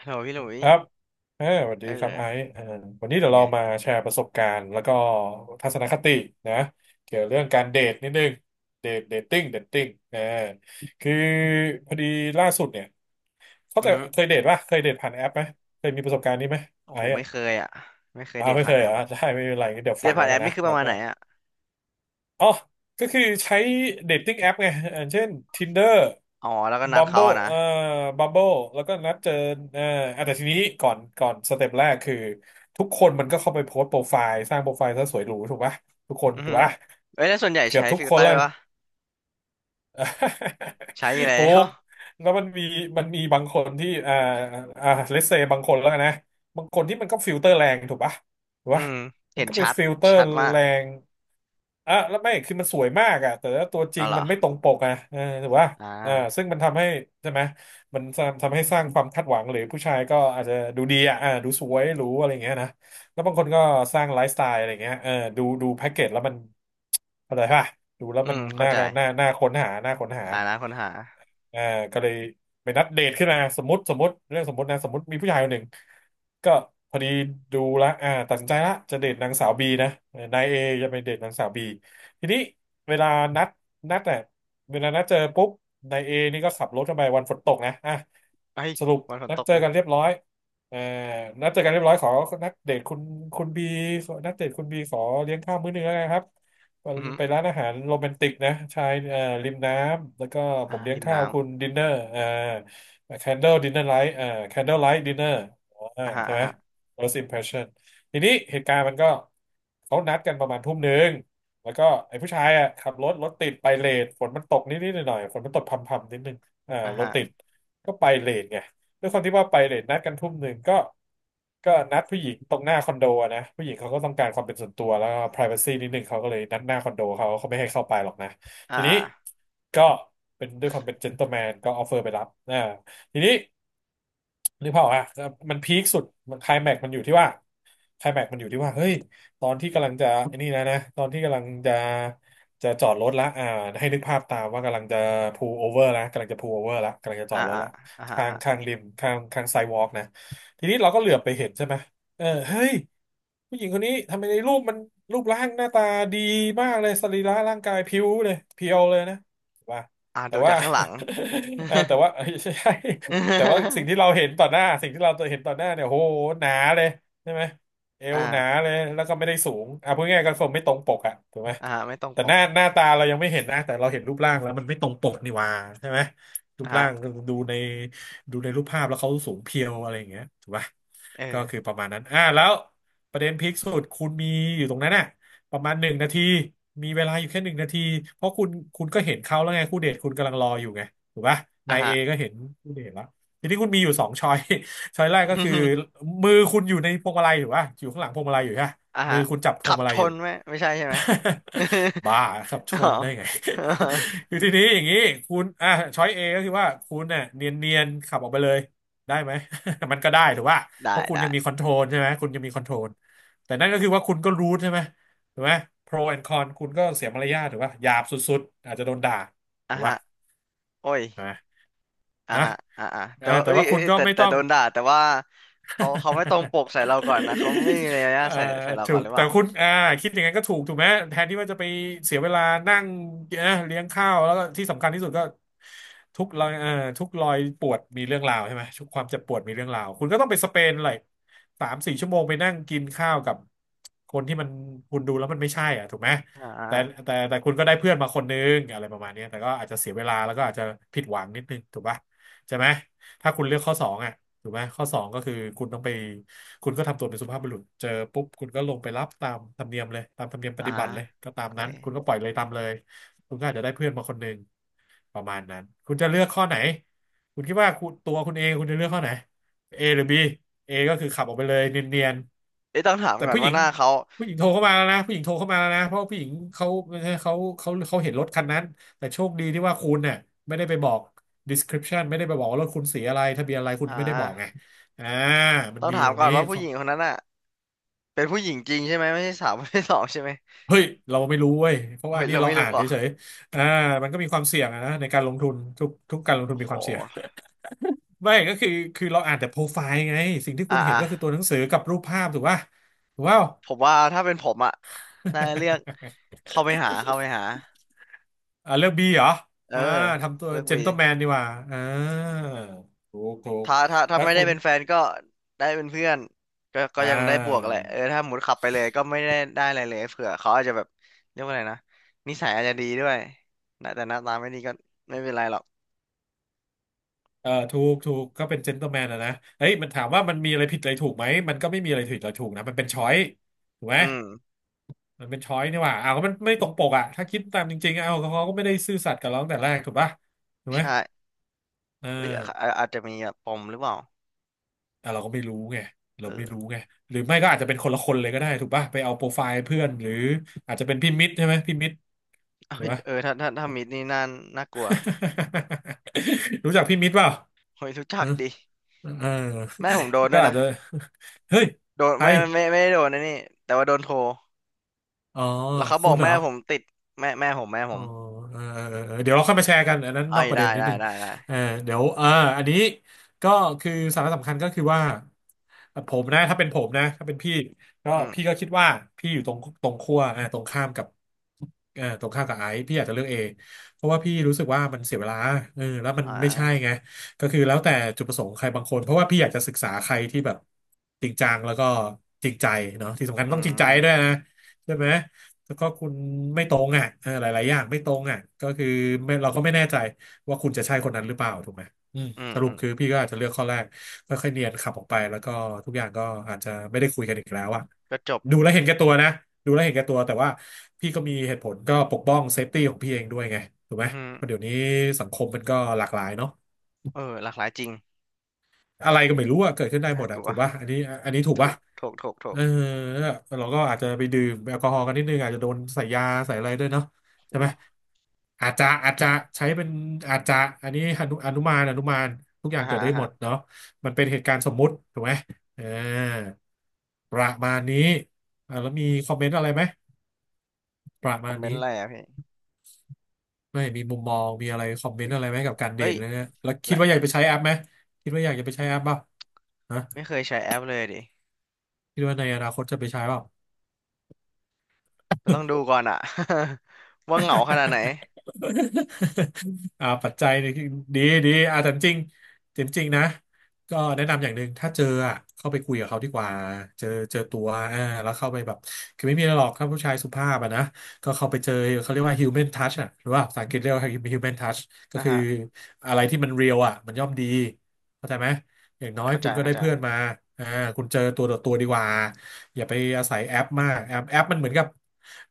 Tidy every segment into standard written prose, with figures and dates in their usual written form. ฮัลโหลพี่หลุยครับเออสวัสเอดีครับอไอซ์วันนี้เป็เดี๋นยวไงเรามาแชร์ประสบการณ์ แล้วก็ทัศนคตินะเกี่ยวเรื่องการเดทนิดนึง เดทติ้งคือพอดีล่าสุดเนี่ยเขาอือใจะฮึเคยเดทป่ะเคยเดทผ่านแอปไหม เคยมีประสบการณ์นี้ไหมโอ้ไอโหซ์ไม่อ่ะเคยอ่ะไม่เคยอ้าเดวทไม่เคผ่านยแอเหรปอ่ะอ่ะได้ไม่เป็นไรงั้นเดี๋ยวเดฟัทงผ่าแล้นวแอกัปนนะนี่คือปแล้วระมาณก็ ไหนอ่ะอ๋อ ก็คือใช้เดทติ้งแอปไงอย่างเช่น Tinder อ๋อแล้วก็นัดเขา Bumble อ่ะนะBumble แล้วก็นัดเจอเอ่ออ่ะแต่ทีนี้ก่อนสเต็ปแรกคือทุกคนมันก็เข้าไปโพสต์โปรไฟล์สร้างโปรไฟล์ซะสวยหรูถูกปะทุกคนอือถูฮึกปะเอ้ยแล้วส่วนใหญ่เกือใช้บทุกฟิลคเตนอแล้ว ร์ปะใช้อ ยู่แล้ถูว กแล้วมันมีบางคนที่เลสเซบางคนแล้วกันนะบางคนที่มันก็ฟิลเตอร์แรงถูกปะถูก อืปะมมันเห็นก็ไปชัดฟิลเตอร์ชัดมากแรงอ่ะแล้วไม่คือมันสวยมากอ่ะแต่ว่าตัวจอ๋อริงเหรอมันไม่ตรงปกอ่ะเออถูกปะอ่าอ่าซึ่งมันทำให้ใช่ไหมมันทำให้สร้างความคาดหวังหรือผู้ชายก็อาจจะดูดีอ่ะดูสวยหรูอะไรอย่างเงี้ยนะแล้วบางคนก็สร้างไลฟ์สไตล์อะไรอย่างเงี้ยดูแพ็กเกจแล้วมันเข้าใจปะ ดูแล้วอืมันมเข้าใจน่าค้นหาน่าค้นหาอ่านะคนหาอ่าก็เลยไปนัดเดทขึ้นมาสมมติเรื่องสมมตินะสมมติมีผู้ชายคนหนึ่งก็พอดีดูละอ่าตัดสินใจละจะเดทนางสาวบีนะเออนายเอจะไปเดทนางสาวบีทีนี้เวลานัดนัดอ่ะเวลานัดเจอปุ๊บนายเอนี่ก็ขับรถเข้าไปวันฝนตกนะอ่ะเอ้ยสรุปวันฝนนัดตกเจอเลยกันเรียบร้อยเอ่อนัดเจอกันเรียบร้อยขอนัดเดทคุณบีนัดเดทคุณบีขอเลี้ยงข้าวมื้อหนึงแล้วกันครับ อือฮึไปร้านอาหารโรแมนติกนะชายริมน้ำแล้วก็ผอ่ามเลี้ยงริมข้าน้วคุณดินเนอร์candle dinner light candle light dinner ำอ่าฮะใช่อ่าไหม ฮะ first impression ทีนี้เหตุการณ์มันก็เขานัดกันประมาณทุ่มหนึ่งแล้วก็ไอ้ผู้ชายอ่ะขับรถติดไปเลทฝนมันตกนิดๆหน่อยๆฝนมันตกพรำๆนิดนึงอ่ารถฮะติดไปเลทไง ด้วยความที่ว่าไปเลทนัดกันทุ่มหนึ่งก็นัดผู้หญิงตรงหน้าคอนโดอะนะผู้หญิงเขาก็ต้องการความเป็นส่วนตัวแล้วก็ privacy นิดนึงเขาก็เลยนัดหน้าคอนโดเขาเขาไม่ให้เข้าไปหรอกนะอ่าทีนี้อ่าก็เป็นด้วยความเป็น gentleman ก็ออฟเฟอร์ไปรับทีนี้นึกภาพออกอ่ะมันพีคสุดมันไคลแม็กมันอยู่ที่ว่าไคลแม็กมันอยู่ที่ว่าเฮ้ยตอนที่กำลังจะไอ้นี่แล้วนะตอนที่กำลังจะจอดรถละอ่าให้นึกภาพตามว่ากำลังจะพูลโอเวอร์ละกำลังจะพูลโอเวอร์ละกำลังจะจอ่าอดรถอ่าละ อ่าฮะอ่าข้างฮะข้างริมข้างไซวอล์กนะทีนี้เราก็เหลือบไปเห็นใช่ไหมเออเฮ้ยผู้หญิงคนนี้ทำไมในรูปมันรูปร่างหน้าตาดีมากเลยสรีระร่างกายผิวเลยเพียวเลยนะว่าอ่าแต่ดูว่า จากข้างหลัง เออแต่ว่าเอ้ยใช่ แต่ว่าสิ่งที่เราเห็นต่อหน้าสิ่งที่เราเห็นต่อหน้าเนี่ยโหหนาเลยใช่ไหมเอ วอ่าหนาเลยแล้วก็ไม่ได้สูงอ่ะพูดง่ายๆก็คงไม่ตรงปกอ่ะถูกไหมอ่าฮะไม่ต้องแต่ปหกน้าหน้าตาเรายังไม่เห็นนะแต่เราเห็นรูปร่างแล้วมันไม่ตรงปกนี่หว่าใช่ไหม รูอ่าปฮะร่างดูในดูในรูปภาพแล้วเขาสูงเพรียวอะไรอย่างเงี้ยถูกปะเอก็คืออประมาณนั้นแล้วประเด็นพีคสุดคุณมีอยู่ตรงนั้นน่ะประมาณหนึ่งนาทีมีเวลาอยู่แค่หนึ่งนาทีเพราะคุณก็เห็นเขาแล้วไงคู่เดทคุณกำลังรออยู่ไงถูกปะอ่ะนายเอฮะ ก็เห็นคู่เดทแล้วทีนี้คุณมีอยู่สองช้อย ช้อย แรกก็คือ มือคุณอยู่ในพวงมาลัยถูกปะอยู่ข้างหลังพวงมาลัยอยู่ใช่ปะอ่ะมืฮะอคุณจับพขัวงบมาชลัยอยู่ นไหมไม่ใช่ใช่ไหม บ้าครับ ชอ๋อ นได้ไง คือทีนี้อย่างนี้คุณอ่ะช้อยเอก็คือว่าคุณเนี่ยเนียนๆขับออกไปเลยได้ไหม มันก็ได้ถือว่าเพได้ราะคุณได้ยังมีคอนโทรลใช่ไหมคุณยังมีคอนโทรลแต่นั่นก็คือว่าคุณก็รู้ใช่ไหมถูกไหมโปรแอนคอนคุณก็เสียมารยาทถูกป่ะหยาบสุดๆอาจจะโดนด่าอ่ะถูกฮะป่ะโอ้ยนะอ่ะนะฮะอ่ะเอแต่อว่าแต่เอ้ยว่าเอ้คุยณเอ้ยก็แต่ไม่แต่ต้อโดง นด่าแต่ว่าเขาไม่ตรงปกใส่เราก่อนนะเขา ไม่มีมารยาเอ่ทอใส่เราถูก่อนกหรือเปแต่ล่าคุณคิดอย่างนั้นก็ถูกไหมแทนที่ว่าจะไปเสียเวลานั่งนะเลี้ยงข้าวแล้วก็ที่สำคัญที่สุดก็ทุกรอยเอ่อทุกรอยปวดมีเรื่องราวใช่ไหมทุกความเจ็บปวดมีเรื่องราวคุณก็ต้องไปสเปนเลยสามสี่ชั่วโมงไปนั่งกินข้าวกับคนที่มันคุณดูแล้วมันไม่ใช่อ่ะถูกไหมอ่แต่าแต่คุณก็ได้เพื่อนมาคนนึงอะไรประมาณเนี้ยแต่ก็อาจจะเสียเวลาแล้วก็อาจจะผิดหวังนิดนึงถูกปะใช่ไหมถ้าคุณเลือกข้อสองอ่ะ ถูกไหมข้อสองก็คือคุณต้องไปคุณก็ทำตัวเป็นสุภาพบุรุษเจอปุ๊บคุณก็ลงไปรับตามธรรมเนียมเลยตามธรรมเนียมปอ่าฏิบัติเลยก็ตาโอมเคนั้นคุณก็ปล่อยเลยตามเลยคุณก็อาจจะได้เพื่อนมาคนหนึ่ง ประมาณนั้นคุณจะเลือกข้อไหนคุณคิดว่าคุณตัวคุณเองคุณจะเลือกข้อไหน A หรือ B A ก็คือขับออกไปเลยเนียนเอ้ยต้องถามๆแต่ก่อนว่าหน้าเขาผู้หญิงโทรเข้ามาแล้วนะผู้หญิงโทรเข้ามาแล้วนะเพราะผู้หญิงเขาเขาเห็นรถคันนั้นแต่โชคดีที่ว่าคุณเนี่ยไม่ได้ไปบอก description ไม่ได้ไปบอกว่ารถคุณสีอะไรทะเบียนอะไรคุณอ่าไม่ได้บอกไงอ่ามันต้องมีถามตรงก่อนนี้ว่าผู้ข้อหญิงคนนั้นอ่ะเป็นผู้หญิงจริงใช่ไหมไม่ใช่สาวไม่ใช่สองใช่ไหมเฮ้ยเราไม่รู้เว้ยเพราะโอ้ว่ายนี่เราเราไม่อ่ารู้นเหรเฉอ่ะยๆมันก็มีความเสี่ยงอะนะในการลงทุนทุกการลงทุนโอ้มีโหความเสี่ยง ไม่ก็คือเราอ่านแต่โปรไฟล์ไงสิ่งที่อ่าคุณเห็นอ่าก็คือตัวหนังสือกับรูปภาพถูกป่ะถูกเปล่า ผมว่าถ้าเป็นผมอ่ะน่าจะเลือก เข้าไปหา อ่าเลือกบีเหรอเอออ่าทำตัวเลือกเจน บี t l e m แมนดีกว่าอ่าถูกถ้าแล้วไม่คุได้ณเป็นแฟนก็ได้เป็นเพื่อนก็อ่ยังได้บวกแหาละเออถ้าหมุดขับไปเลยก็ไม่ได้อะไรเลยเผื่อเขาอาจจะแบบเรียกว่าอะไรนะนิสัยอาจจะดีด้วยนะแต่หน้าตาไม่ดีก็ไม่เป็นไรหรอกเออถูกก็เป็นเจน t l e m แมนนะนะเฮ้ยมันถามว่ามันมีอะไรผิดอะไรถูกไหมมันก็ไม่มีอะไรผิดอะไรถูกนะมันเป็นช้อยถูกไหมอืมมันเป็นช้อยนี่หว่าอ้าวก็มันไม่ตรงปกอ่ะถ้าคิดตามจริงๆเอาเขาก็ไม่ได้ซื่อสัตย์กับเราตั้งแต่แรกถูกป่ะถูกไหมใช่เออ เฮ้ยอาอาอาจจะมีแบบปมหรือเปล่าอ่ะเราก็ไม่รู้ไงเราเอไม่อรู้ไงหรือไม่ก็อาจจะเป็นคนละคนเลยก็ได้ถูกป่ะไปเอาโปรไฟล์เพื่อนหรืออาจจะเป็นพี่มิตรใช่ไหมพี่มิตรเอ้ถูกยป่ะ เออถ้ามิดนี่น่าน่ากลัว รู้จักพี่มิตรเปล่าเฮ้ยรู้จักฮะดิเออแม่ผมโดนด้ก็วยอาจจะนะเฮ้ยโดนใครไม่ได้โดนนะนี่แต่ว่าโดนโทรอ๋อแล้วเขาบคุอกณเหรแม่อ ผมติดแม่แม่ผมแม่ผอ๋อมเออเดี๋ยวเราค่อยมาแชร์กันอันนั้นเอ้นอยกประได้เด็นนิดได้หนึงได้ได้เออเดี๋ยวอันนี้ก็คือสาระสำคัญก็คือว่าผมนะถ้าเป็นผมนะถ้าเป็นพี่ก็อืม พี่ก็คิดว่าพี่อยู่ตรงขั้วเอาตรงข้ามกับเออตรงข้ามกับไอซ์พี่อาจจะเลือกเอเพราะว่าพี่รู้สึกว่ามันเสียเวลาเออแล้วมันอ่ไม่ใช่าไงก็คือแล้วแต่จุดประสงค์ใครบางคนเพราะว่าพี่อยากจะศึกษาใครที่แบบจริงจังแล้วก็จริงใจเนาะที่สำคัญอืต้องจริงใจม ด้วยนะใช่ไหม แล้วก็คุณไม่ตรงอ่ะเออหลายๆอย่างไม่ตรงอ่ะก็คือไม่เราก็ไม่แน่ใจว่าคุณจะใช่คนนั้นหรือเปล่าถูกไหมอืมอืม สรุอืปมคือพี่ก็อาจจะเลือกข้อแรกค่อยๆเนียนขับออกไปแล้วก็ทุกอย่างก็อาจจะไม่ได้คุยกันอีกแล้วอ่ะก็จบดูแลวเห็นแก่ตัวนะดูแลวเห็นแก่ตัวแต่ว่าพี่ก็มีเหตุผลก็ปกป้องเซฟตี้ของพี่เองด้วยไงถูกไหอืมอฮึเพราะเดี๋ยวนี้สังคมมันก็หลากหลายเนาะ เออหลากหลายจริงอะไรก็ไม่รู้อะเกิดขึ้นได้หน่ามดกอะลัว ถูกป่ะอันนี้ถูกถูป่ะกถูกถูกถูเอกอเราก็อาจจะไปดื่มแอลกอฮอล์กันนิดนึงอาจจะโดนใส่ยาใส่อะไรด้วยเนาะโอ้ใช่ไหมโหอาจจะใช้เป็นอาจจะอันนี้อนุมานทุกอย่าอ่างเกิฮะดได้อ่าหมฮะดเนาะมันเป็นเหตุการณ์สมมุติถูกไหมเออประมาณนี้อ่ะแล้วมีคอมเมนต์อะไรไหมประคมาอมณเมนต์นี้อะไรอ่ะพี่ไม่มีมุมมองมีอะไรคอมเมนต์อะไรไหมกับการเดเอ้ทยเลยเนี่ยแล้วคิดละว่าอยากไปใช้แอปไหมคิดว่าอยากจะไปใช้แอปเปล่าฮะไม่เคยใช้แอปเลยดิคิดว่าในอนาคตจะไปใช้เปล่า ก็ต้องดูก่อนอ่ะ ว่าเหงาขนาดไหน อ่าปัจจัยนี่ดีดีอ่าแต่จริงจริงจริงๆนะก็แนะนำอย่างหนึ่งถ้าเจออ่ะเข้าไปคุยกับเขาดีกว่าเจอตัวอ่าแล้วเข้าไปแบบคือไม่มีอะไรหรอกคร้าผู้ชายสุภาพอ่ะนะก็เข้าไปเจอเขาเรียกว่า human touch อ่ะหรือว่าภาษาอังกฤษเรียกว่า human touch ก็อ่าคือฮะอะไรที่มันเรียลอ่ะมันย่อมดีเข้าใจไหม อย่างน้อยเข้าใจคุณก็เข้าได้ใจเพื่อนมาอ่าคุณเจอตัวต่อตัวดีกว่าอย่าไปอาศัยแอปมาก แอปมันเหมือนกับ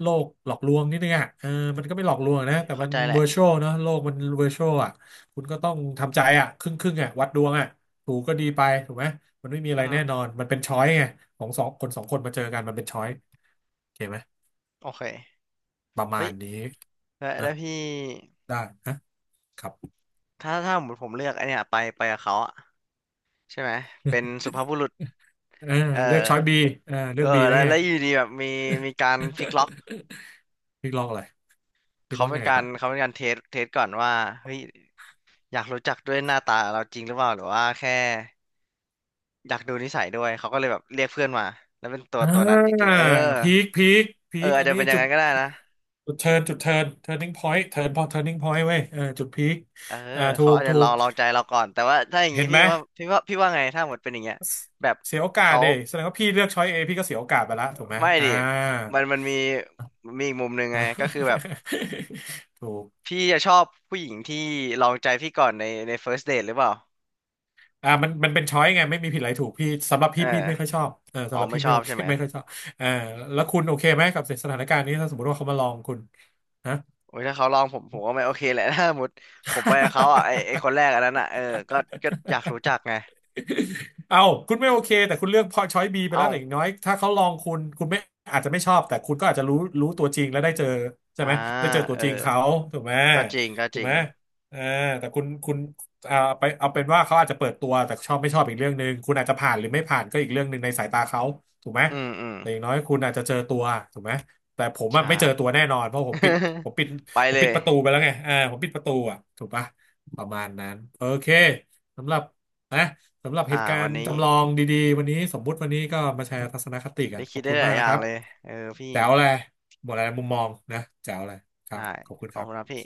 โลกหลอกลวงนิดนึงอ่ะเออมันก็ไม่หลอกลวงโอ้นะยแต่เข้ามันใจแหเวละอร์ชวลเนอะโลกมันเวอร์ชวลอ่ะคุณก็ต้องทำใจอ่ะครึ่งครึ่งอ่ะวัดดวงอ่ะถูกก็ดีไปถูกไหมมันไม่มีอะอืไรอฮึแน่นอนมันเป็นช้อยไงของสองคนสองคนมาเจอกันมันเป็นช้อยโอเคไหมโอเคประเฮ้มายณนี้แล้วแล้นะวพี่ได้นะครับ ถ้าหมดผมเลือกไอเนี้ยไปกับเขาอ่ะใช่ไหมเป็น สุภาพบุรุษเออเออเลือกช้อยบีเออเลืเอออกบีแล้แล้ววไง แล้วอยู่ดีแบบมีกา รฟิกล็อก พี่ลอกอะไรพี่เขาลอกเป็นยังไงกาครรับ เขาเป็นการเทสก่อนว่าเฮ้ยอยากรู้จักด้วยหน้าตาเราจริงหรือเปล่าหรือว่าแค่อยากดูนิสัยด้วยเขาก็เลยแบบเรียกเพื่อนมาแล้วเป็นตัวอ่ตัวนั้นจาริงๆเออพีคพีเออคอาจอันจะนี้เป็นอย่างจุดนั้นก็ได้นะจุดเทิร์นจุดเทิร์น turning point เทิร์นพอ turning point เว้ยเออจุดพีคเอออ่าถูเขากอาจจะลองลองใจเราก่อนแต่ว่าถ้าอย่างเห็นี้นไหมพี่ว่าไงถ้าหมดเป็นอย่างเงี้ยเสแบบเสียโอกาสเขาแสดงว่าพี่เลือกช้อยเอพี่ก็เสียโอกาสไปละถูกไหมไม่อ่า ดิมันมีอีกมุมหนึ่งไงก็คือแบบ ถูกพี่จะชอบผู้หญิงที่ลองใจพี่ก่อนใน first date หรือเปล่าอ่ามันเป็นช้อยไงไม่มีผิดอะไรถูกพี่สำหรับเอพี่อไม่ค่อยชอบเออสำหรับไม่พี่ชไม่อบโอเค ใช่ไหม ไม่ค่อยชอบเออแล้วคุณโอเคไหมกับสถานการณ์นี้ถ้าสมมติว่าเขามาลองคุณฮะ โอ้ยถ้าเขาลองผมผมก็ไม่โอเคแหละ ถ้าสมมติผมไปกับเขาอ่ะไอไอคนแรกอันนั้นอ่ะเออก็ก็อ ยากรู้จักไงเอาคุณไม่โอเคแต่คุณเลือกพอช้อยบีไปแล้เอ้าวแต่อย่างน้อยถ้าเขาลองคุณคุณไม่อาจจะไม่ชอบแต่คุณก็อาจจะรู้รู้ตัวจริงแล้วได้เจอใช่อ่าไหมได้เจอตัเอวอจริงเขาถูกไหมก็จริงก็ถูจกริงไหมเออแต่คุณเอาไปเอาเป็นว่าเขาอาจจะเปิดตัวแต่ชอบไม่ชอบอีกเรื่องหนึ่งคุณอาจจะผ่านหรือไม่ผ่านก็อีกเรื่องหนึ่งในสายตาเขาถูกไหมอืมแต่อย่างน้อยคุณอาจจะเจอตัวถูกไหมแต่ผมอะใช่ ไม่เจอตัวแน่นอนเพราะผมปิดผมปิด ไปผมเลปิยดประตูไปแล้วไงเออผมปิดประตูอ่ะถูกปะประมาณนั้นโอเคสำหรับนะ สำหรับเหอ่าตุกาวัรนณ์นี้จำลองดีๆวันนี้สมมุติวันนี้ก็มาแชร์ทัศนคติกันได้ขคิอดบได้คุณหลามากยอนะย่าคงรับเลยเออพี่แจ๋วเลยหมดอะไรมุมมองนะแจ๋วเลยครัได้บขอบคุณขอคบรับคุณนะพี่